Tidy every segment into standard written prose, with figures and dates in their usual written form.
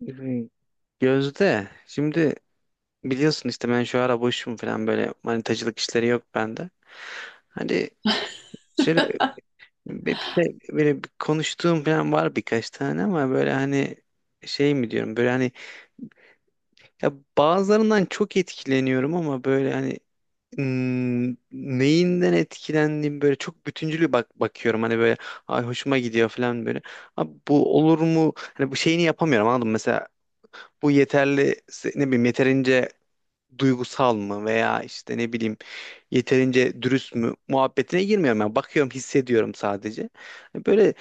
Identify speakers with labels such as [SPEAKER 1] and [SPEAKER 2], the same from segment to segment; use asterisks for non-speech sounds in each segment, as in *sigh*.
[SPEAKER 1] Hmm, Gözde şimdi biliyorsun işte ben şu ara boşum falan böyle manitacılık işleri yok bende. Hani
[SPEAKER 2] *laughs*
[SPEAKER 1] şöyle böyle bir konuştuğum falan var birkaç tane ama böyle hani şey mi diyorum böyle hani ya bazılarından çok etkileniyorum ama böyle hani neyinden etkilendiğim böyle çok bütüncül bakıyorum hani böyle ay hoşuma gidiyor falan böyle. Abi bu olur mu? Hani bu şeyini yapamıyorum anladın mı? Mesela bu yeterli ne bileyim yeterince duygusal mı veya işte ne bileyim yeterince dürüst mü muhabbetine girmiyorum yani. Bakıyorum, hissediyorum sadece. Hani böyle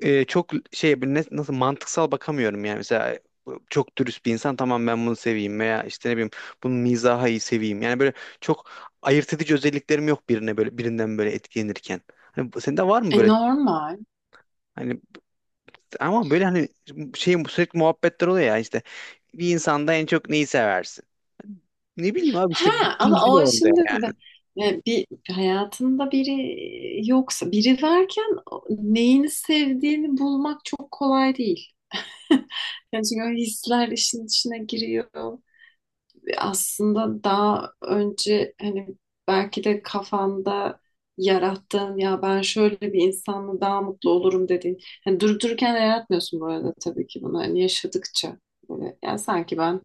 [SPEAKER 1] çok şey böyle nasıl mantıksal bakamıyorum yani. Mesela bu çok dürüst bir insan, tamam, ben bunu seveyim veya işte ne bileyim bunun mizahı iyi seveyim. Yani böyle çok ayırt edici özelliklerim yok birine böyle birinden böyle etkilenirken. Hani sende var mı
[SPEAKER 2] E,
[SPEAKER 1] böyle
[SPEAKER 2] normal.
[SPEAKER 1] hani ama böyle hani şey sürekli muhabbetler oluyor ya işte, bir insanda en çok neyi seversin? Ne bileyim abi
[SPEAKER 2] Ha
[SPEAKER 1] işte
[SPEAKER 2] ama
[SPEAKER 1] bütüncül
[SPEAKER 2] o
[SPEAKER 1] oldu
[SPEAKER 2] şimdi bir hayatında biri yoksa biri varken neyini sevdiğini bulmak çok kolay değil. *laughs* Yani çünkü o hisler işin içine giriyor. Aslında daha önce hani belki de kafanda yarattığın, ya ben şöyle bir insanla daha mutlu olurum dediğin. Hani durup dururken de yaratmıyorsun bu arada, tabii ki bunu hani yaşadıkça böyle, yani sanki ben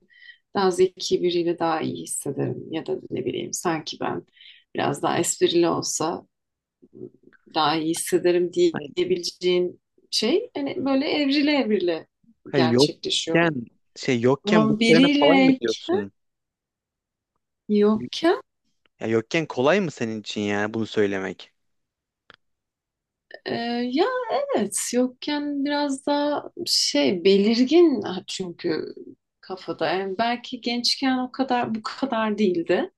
[SPEAKER 2] daha zeki biriyle daha iyi hissederim, ya da ne bileyim sanki ben biraz daha esprili olsa daha iyi hissederim
[SPEAKER 1] yani.
[SPEAKER 2] diyebileceğin şey hani böyle evrile evrile
[SPEAKER 1] Ha,
[SPEAKER 2] gerçekleşiyor.
[SPEAKER 1] yokken şey yokken bunu
[SPEAKER 2] Ama
[SPEAKER 1] söylemek kolay mı
[SPEAKER 2] biriyle
[SPEAKER 1] diyorsun?
[SPEAKER 2] yok.
[SPEAKER 1] Ya yokken kolay mı senin için yani bunu söylemek?
[SPEAKER 2] Ee, ya evet, yokken biraz daha şey belirgin, ha, çünkü kafada. Yani belki gençken o kadar bu kadar değildi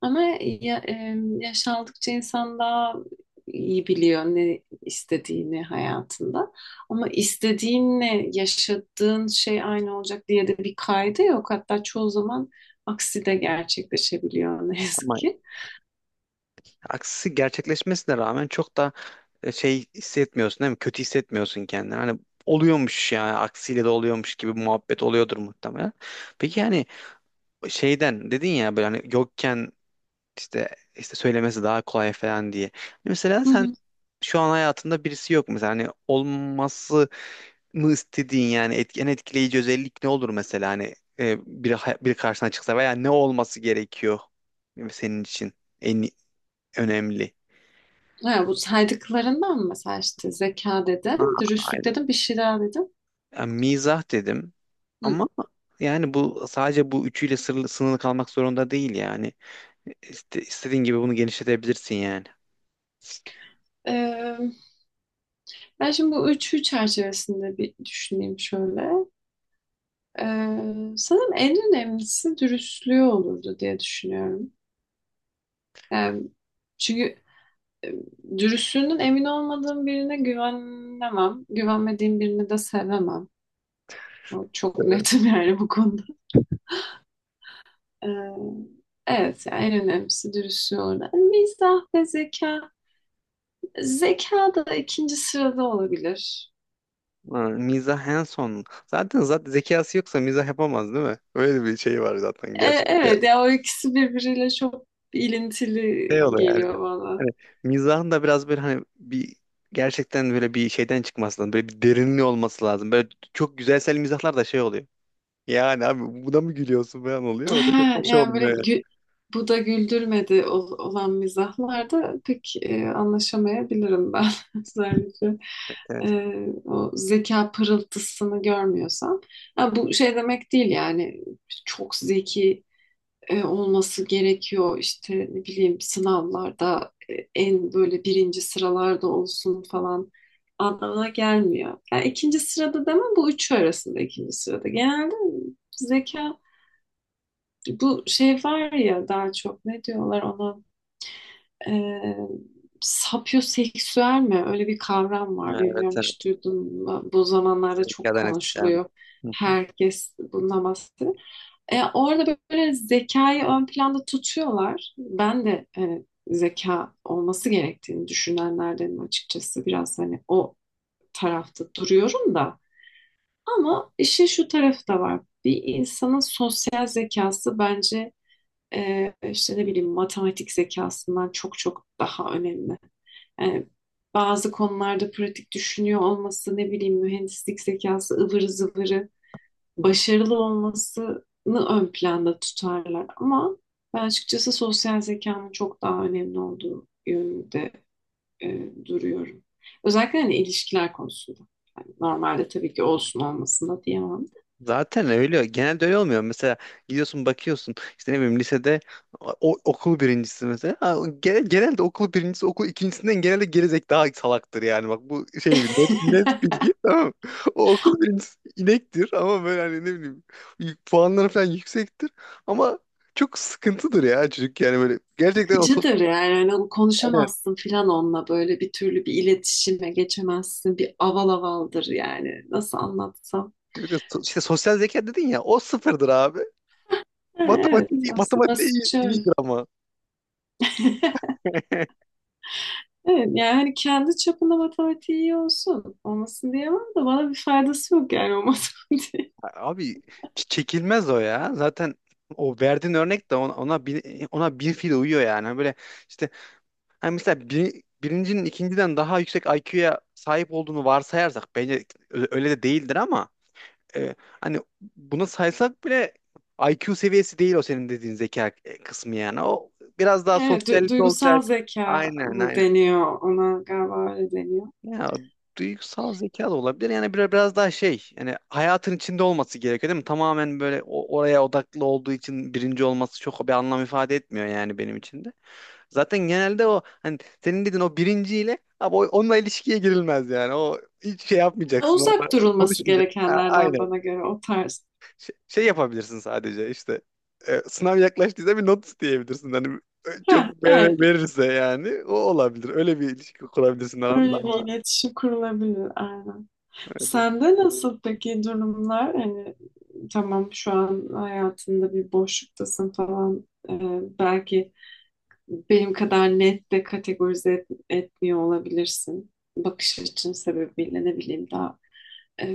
[SPEAKER 2] ama ya, yaş aldıkça insan daha iyi biliyor ne istediğini hayatında, ama istediğinle yaşadığın şey aynı olacak diye de bir kaydı yok, hatta çoğu zaman aksi de gerçekleşebiliyor ne yazık
[SPEAKER 1] Ama
[SPEAKER 2] ki.
[SPEAKER 1] aksi gerçekleşmesine rağmen çok da şey hissetmiyorsun değil mi? Kötü hissetmiyorsun kendini. Hani oluyormuş yani aksiyle de oluyormuş gibi bir muhabbet oluyordur muhtemelen. Peki, yani şeyden dedin ya böyle hani yokken işte söylemesi daha kolay falan diye. Hani mesela sen şu an hayatında birisi yok mesela hani olması mı istediğin yani en etkileyici özellik ne olur mesela hani biri, biri karşına çıksa veya ne olması gerekiyor senin için en önemli?
[SPEAKER 2] Ha, bu saydıklarından mı mesela? İşte zeka
[SPEAKER 1] Ha,
[SPEAKER 2] dedim, dürüstlük
[SPEAKER 1] aynen.
[SPEAKER 2] dedim, bir şey daha dedim.
[SPEAKER 1] Yani mizah dedim
[SPEAKER 2] Hı.
[SPEAKER 1] ama yani bu sadece bu üçüyle sınırlı kalmak zorunda değil yani. İstediğin gibi bunu genişletebilirsin yani.
[SPEAKER 2] Ee, ben şimdi bu üçü çerçevesinde bir düşüneyim şöyle. Sanırım en önemlisi dürüstlüğü olurdu diye düşünüyorum. Yani çünkü e, dürüstlüğünün emin olmadığım birine güvenemem. Güvenmediğim birini de sevemem. O, çok netim *laughs* yani bu konuda. Ee, evet, yani en önemlisi dürüstlüğü olurdu. Yani mizah ve zeka, zeka da ikinci sırada olabilir.
[SPEAKER 1] Ha, mizah en son. Zaten zekası yoksa mizah yapamaz değil mi? Öyle bir şey var zaten, gerçek
[SPEAKER 2] Evet ya, o ikisi birbiriyle çok ilintili
[SPEAKER 1] şey oluyor yani böyle,
[SPEAKER 2] geliyor bana.
[SPEAKER 1] hani mizahın da biraz böyle hani bir gerçekten böyle bir şeyden çıkması lazım. Böyle bir derinliği olması lazım. Böyle çok güzelsel mizahlar da şey oluyor. Yani abi buna mı gülüyorsun falan oluyor. O da çok
[SPEAKER 2] *laughs*
[SPEAKER 1] hoş
[SPEAKER 2] Yani böyle
[SPEAKER 1] olmuyor yani.
[SPEAKER 2] bu da güldürmedi olan mizahlarda pek anlaşamayabilirim ben *laughs* özellikle. e,
[SPEAKER 1] Evet.
[SPEAKER 2] O zeka pırıltısını görmüyorsam. Ha, bu şey demek değil yani çok zeki olması gerekiyor. İşte ne bileyim sınavlarda en böyle birinci sıralarda olsun falan anlamına gelmiyor. Yani ikinci sırada demem, bu üçü arasında ikinci sırada. Genelde zeka, bu şey var ya, daha çok ne diyorlar ona, e, sapyoseksüel mi? Öyle bir kavram var.
[SPEAKER 1] Ha, evet,
[SPEAKER 2] Bilmiyorum,
[SPEAKER 1] evet.
[SPEAKER 2] hiç duydun mu? Bu zamanlarda çok
[SPEAKER 1] Zekadan etkilenme.
[SPEAKER 2] konuşuluyor.
[SPEAKER 1] Hı.
[SPEAKER 2] Herkes bundan bahsediyor. E, orada böyle zekayı ön planda tutuyorlar. Ben de hani zeka olması gerektiğini düşünenlerdenim açıkçası. Biraz hani o tarafta duruyorum da. Ama işin şu tarafı da var. Bir insanın sosyal zekası bence işte ne bileyim matematik zekasından çok çok daha önemli. Yani bazı konularda pratik düşünüyor olması, ne bileyim mühendislik zekası ıvır zıvırı başarılı olmasını ön planda tutarlar ama ben açıkçası sosyal zekanın çok daha önemli olduğu yönünde duruyorum. Özellikle hani ilişkiler konusunda. Yani normalde tabii ki olsun olmasın diyemem.
[SPEAKER 1] Zaten öyle. Genelde öyle olmuyor. Mesela gidiyorsun bakıyorsun işte ne bileyim lisede okul birincisi mesela. Ha, genelde okul birincisi okul ikincisinden genelde gerizek daha salaktır yani. Bak, bu şey bir net
[SPEAKER 2] *laughs*
[SPEAKER 1] bilgi, tamam mı? O okul birincisi inektir ama böyle hani ne bileyim puanları falan yüksektir ama çok sıkıntıdır ya çocuk yani böyle gerçekten o sos.
[SPEAKER 2] Sıkıcıdır yani. Hani onu
[SPEAKER 1] Aynen.
[SPEAKER 2] konuşamazsın filan, onunla böyle bir türlü bir iletişime geçemezsin. Bir aval avaldır yani. Nasıl anlatsam.
[SPEAKER 1] Bir de işte sosyal zeka dedin ya, o sıfırdır abi.
[SPEAKER 2] Ha, evet, aslında
[SPEAKER 1] Matematiği
[SPEAKER 2] basit şöyle.
[SPEAKER 1] iyidir ama. *laughs*
[SPEAKER 2] Evet, yani hani kendi çapında matematiği iyi olsun. Olmasın diyemem de bana bir faydası yok yani o matematiğin. *laughs*
[SPEAKER 1] Abi çekilmez o ya. Zaten o verdiğin örnek de ona ona bir fil uyuyor yani. Böyle işte hani mesela birincinin ikinciden daha yüksek IQ'ya sahip olduğunu varsayarsak bence öyle de değildir ama e, hani bunu saysak bile IQ seviyesi değil o senin dediğin zeka kısmı yani. O biraz daha
[SPEAKER 2] Evet,
[SPEAKER 1] sosyalite
[SPEAKER 2] duygusal
[SPEAKER 1] olacak.
[SPEAKER 2] zeka
[SPEAKER 1] Aynen,
[SPEAKER 2] mı
[SPEAKER 1] aynen.
[SPEAKER 2] deniyor ona, galiba öyle deniyor.
[SPEAKER 1] Ya duygusal zeka da olabilir. Yani biraz daha şey yani hayatın içinde olması gerekiyor değil mi? Tamamen böyle oraya odaklı olduğu için birinci olması çok bir anlam ifade etmiyor yani benim için de. Zaten genelde o hani senin dediğin o birinciyle abi onunla ilişkiye girilmez yani. O hiç şey yapmayacaksın.
[SPEAKER 2] Uzak
[SPEAKER 1] Onunla
[SPEAKER 2] durulması
[SPEAKER 1] konuşmayacaksın. Ha,
[SPEAKER 2] gerekenlerden
[SPEAKER 1] aynen.
[SPEAKER 2] bana göre o tarz.
[SPEAKER 1] Şey yapabilirsin sadece işte sınav yaklaştıysa bir not isteyebilirsin. Hani
[SPEAKER 2] Ha,
[SPEAKER 1] çok
[SPEAKER 2] evet,
[SPEAKER 1] verirse yani o olabilir. Öyle bir ilişki kurabilirsin aranda
[SPEAKER 2] öyle bir,
[SPEAKER 1] ama
[SPEAKER 2] hmm, iletişim kurulabilir aynen.
[SPEAKER 1] evet.
[SPEAKER 2] Sende nasıl peki durumlar? Hani tamam, şu an hayatında bir boşluktasın falan. Belki benim kadar net de kategorize etmiyor olabilirsin. Bakış açın sebebiyle ne bileyim daha e,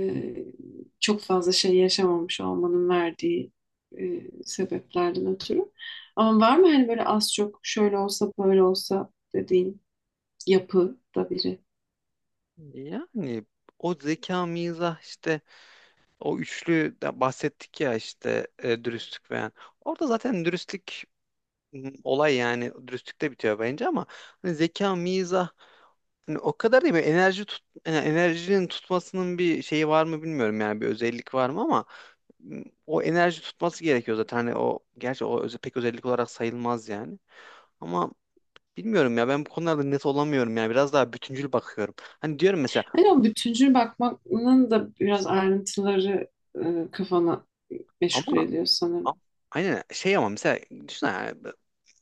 [SPEAKER 2] çok fazla şey yaşamamış olmanın verdiği sebeplerden ötürü. Ama var mı hani böyle az çok şöyle olsa böyle olsa dediğin yapıda biri?
[SPEAKER 1] Yani o zeka, mizah işte, o üçlü de bahsettik ya işte, dürüstlük falan. Orada zaten dürüstlük olay yani dürüstlükte bitiyor bence ama hani zeka, mizah, hani o kadar değil mi? Enerjinin tutmasının bir şeyi var mı bilmiyorum yani bir özellik var mı ama o enerji tutması gerekiyor zaten. Hani o, gerçi o pek özellik olarak sayılmaz yani. Ama bilmiyorum ya, ben bu konularda net olamıyorum yani biraz daha bütüncül bakıyorum. Hani diyorum mesela
[SPEAKER 2] Hani o bütüncül bakmanın da biraz ayrıntıları kafana meşgul
[SPEAKER 1] ama
[SPEAKER 2] ediyor sanırım.
[SPEAKER 1] A- aynen şey ama mesela düşün yani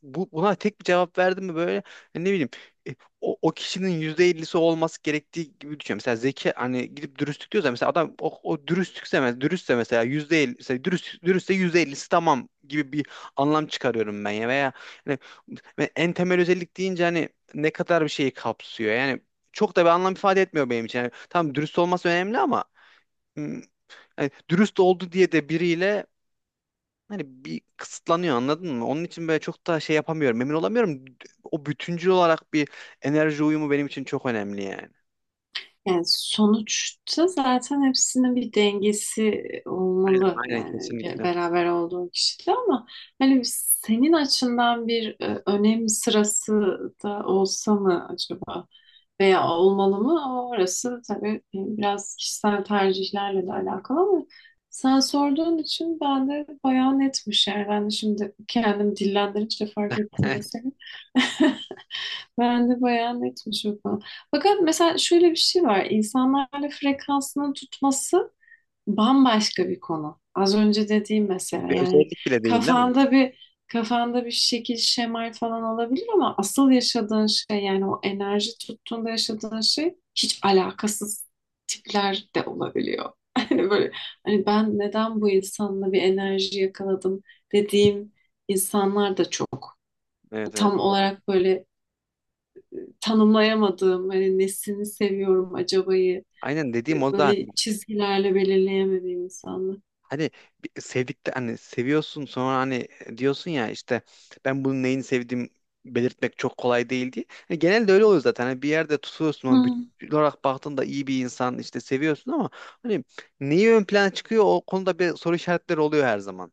[SPEAKER 1] buna tek bir cevap verdim mi böyle hani ne bileyim e, o kişinin %50'si olması gerektiği gibi düşünüyorum. Mesela zeki, hani gidip dürüstlük diyorsa mesela adam o dürüstlükse dürüstse mesela %50, mesela dürüstse %50'si tamam gibi bir anlam çıkarıyorum ben ya, veya hani ve en temel özellik deyince hani ne kadar bir şeyi kapsıyor yani çok da bir anlam ifade etmiyor benim için. Yani tamam, dürüst olması önemli ama hmm, yani dürüst oldu diye de biriyle hani bir kısıtlanıyor, anladın mı? Onun için böyle çok da şey yapamıyorum. Emin olamıyorum. O bütüncül olarak bir enerji uyumu benim için çok önemli yani.
[SPEAKER 2] Yani sonuçta zaten hepsinin bir dengesi
[SPEAKER 1] Aynen,
[SPEAKER 2] olmalı
[SPEAKER 1] aynen,
[SPEAKER 2] yani
[SPEAKER 1] kesinlikle.
[SPEAKER 2] beraber olduğun kişide, ama hani senin açından bir önem sırası da olsa mı acaba, veya olmalı mı? Orası tabii biraz kişisel tercihlerle de alakalı, ama sen sorduğun için ben de bayağı netmiş, yani ben de şimdi kendim dillendirince fark ettim mesela.
[SPEAKER 1] *laughs*
[SPEAKER 2] *laughs* Ben de bayağı netmiş o konu. Fakat mesela şöyle bir şey var. İnsanlarla frekansını tutması bambaşka bir konu. Az önce dediğim mesela,
[SPEAKER 1] Bir
[SPEAKER 2] yani
[SPEAKER 1] özellik bile değil değil mi?
[SPEAKER 2] kafanda bir şekil şemal falan olabilir ama asıl yaşadığın şey, yani o enerji tuttuğunda yaşadığın şey hiç alakasız tipler de olabiliyor. *laughs* Hani böyle, hani ben neden bu insanla bir enerji yakaladım dediğim insanlar da çok.
[SPEAKER 1] Evet, evet.
[SPEAKER 2] Tam olarak böyle tanımlayamadığım, hani nesini seviyorum acabayı,
[SPEAKER 1] Aynen dediğim o zaten.
[SPEAKER 2] böyle çizgilerle belirleyemediğim insanlar.
[SPEAKER 1] Hani sevdikte hani seviyorsun sonra hani diyorsun ya işte ben bunun neyini sevdiğim belirtmek çok kolay değil diye. Hani genelde öyle oluyor zaten. Hani bir yerde tutuyorsun ama
[SPEAKER 2] Hı.
[SPEAKER 1] bütün olarak baktığında iyi bir insan işte, seviyorsun ama hani neyi ön plana çıkıyor, o konuda bir soru işaretleri oluyor her zaman.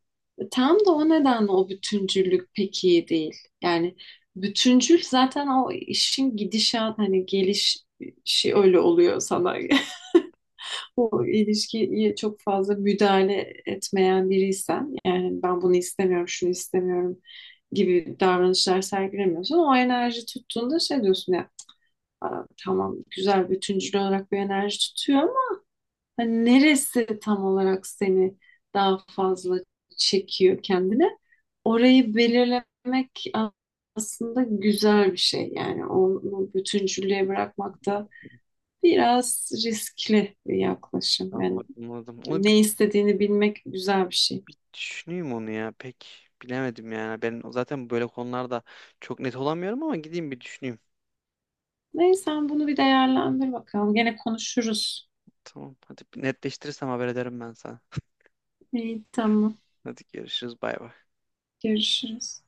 [SPEAKER 2] Tam da o nedenle o bütüncüllük pek iyi değil. Yani bütüncül zaten o işin gidişat, hani gelişi öyle oluyor sana. *laughs* O ilişkiye çok fazla müdahale etmeyen biriysen, yani ben bunu istemiyorum, şunu istemiyorum gibi davranışlar sergilemiyorsan, o enerji tuttuğunda şey diyorsun: aa, tamam, güzel, bütüncül olarak bir enerji tutuyor ama hani neresi tam olarak seni daha fazla çekiyor kendine? Orayı belirlemek aslında güzel bir şey. Yani onu bütüncüllüğe bırakmak da biraz riskli bir yaklaşım. Yani
[SPEAKER 1] Anladım, anladım. Onu bir
[SPEAKER 2] ne istediğini bilmek güzel bir şey.
[SPEAKER 1] düşüneyim onu ya. Pek bilemedim yani. Ben zaten böyle konularda çok net olamıyorum ama gideyim bir düşüneyim.
[SPEAKER 2] Neyse, sen bunu bir değerlendir bakalım. Gene konuşuruz.
[SPEAKER 1] Tamam. Hadi bir netleştirirsem haber ederim ben sana.
[SPEAKER 2] İyi, tamam.
[SPEAKER 1] Hadi görüşürüz. Bay bay.
[SPEAKER 2] Görüşürüz.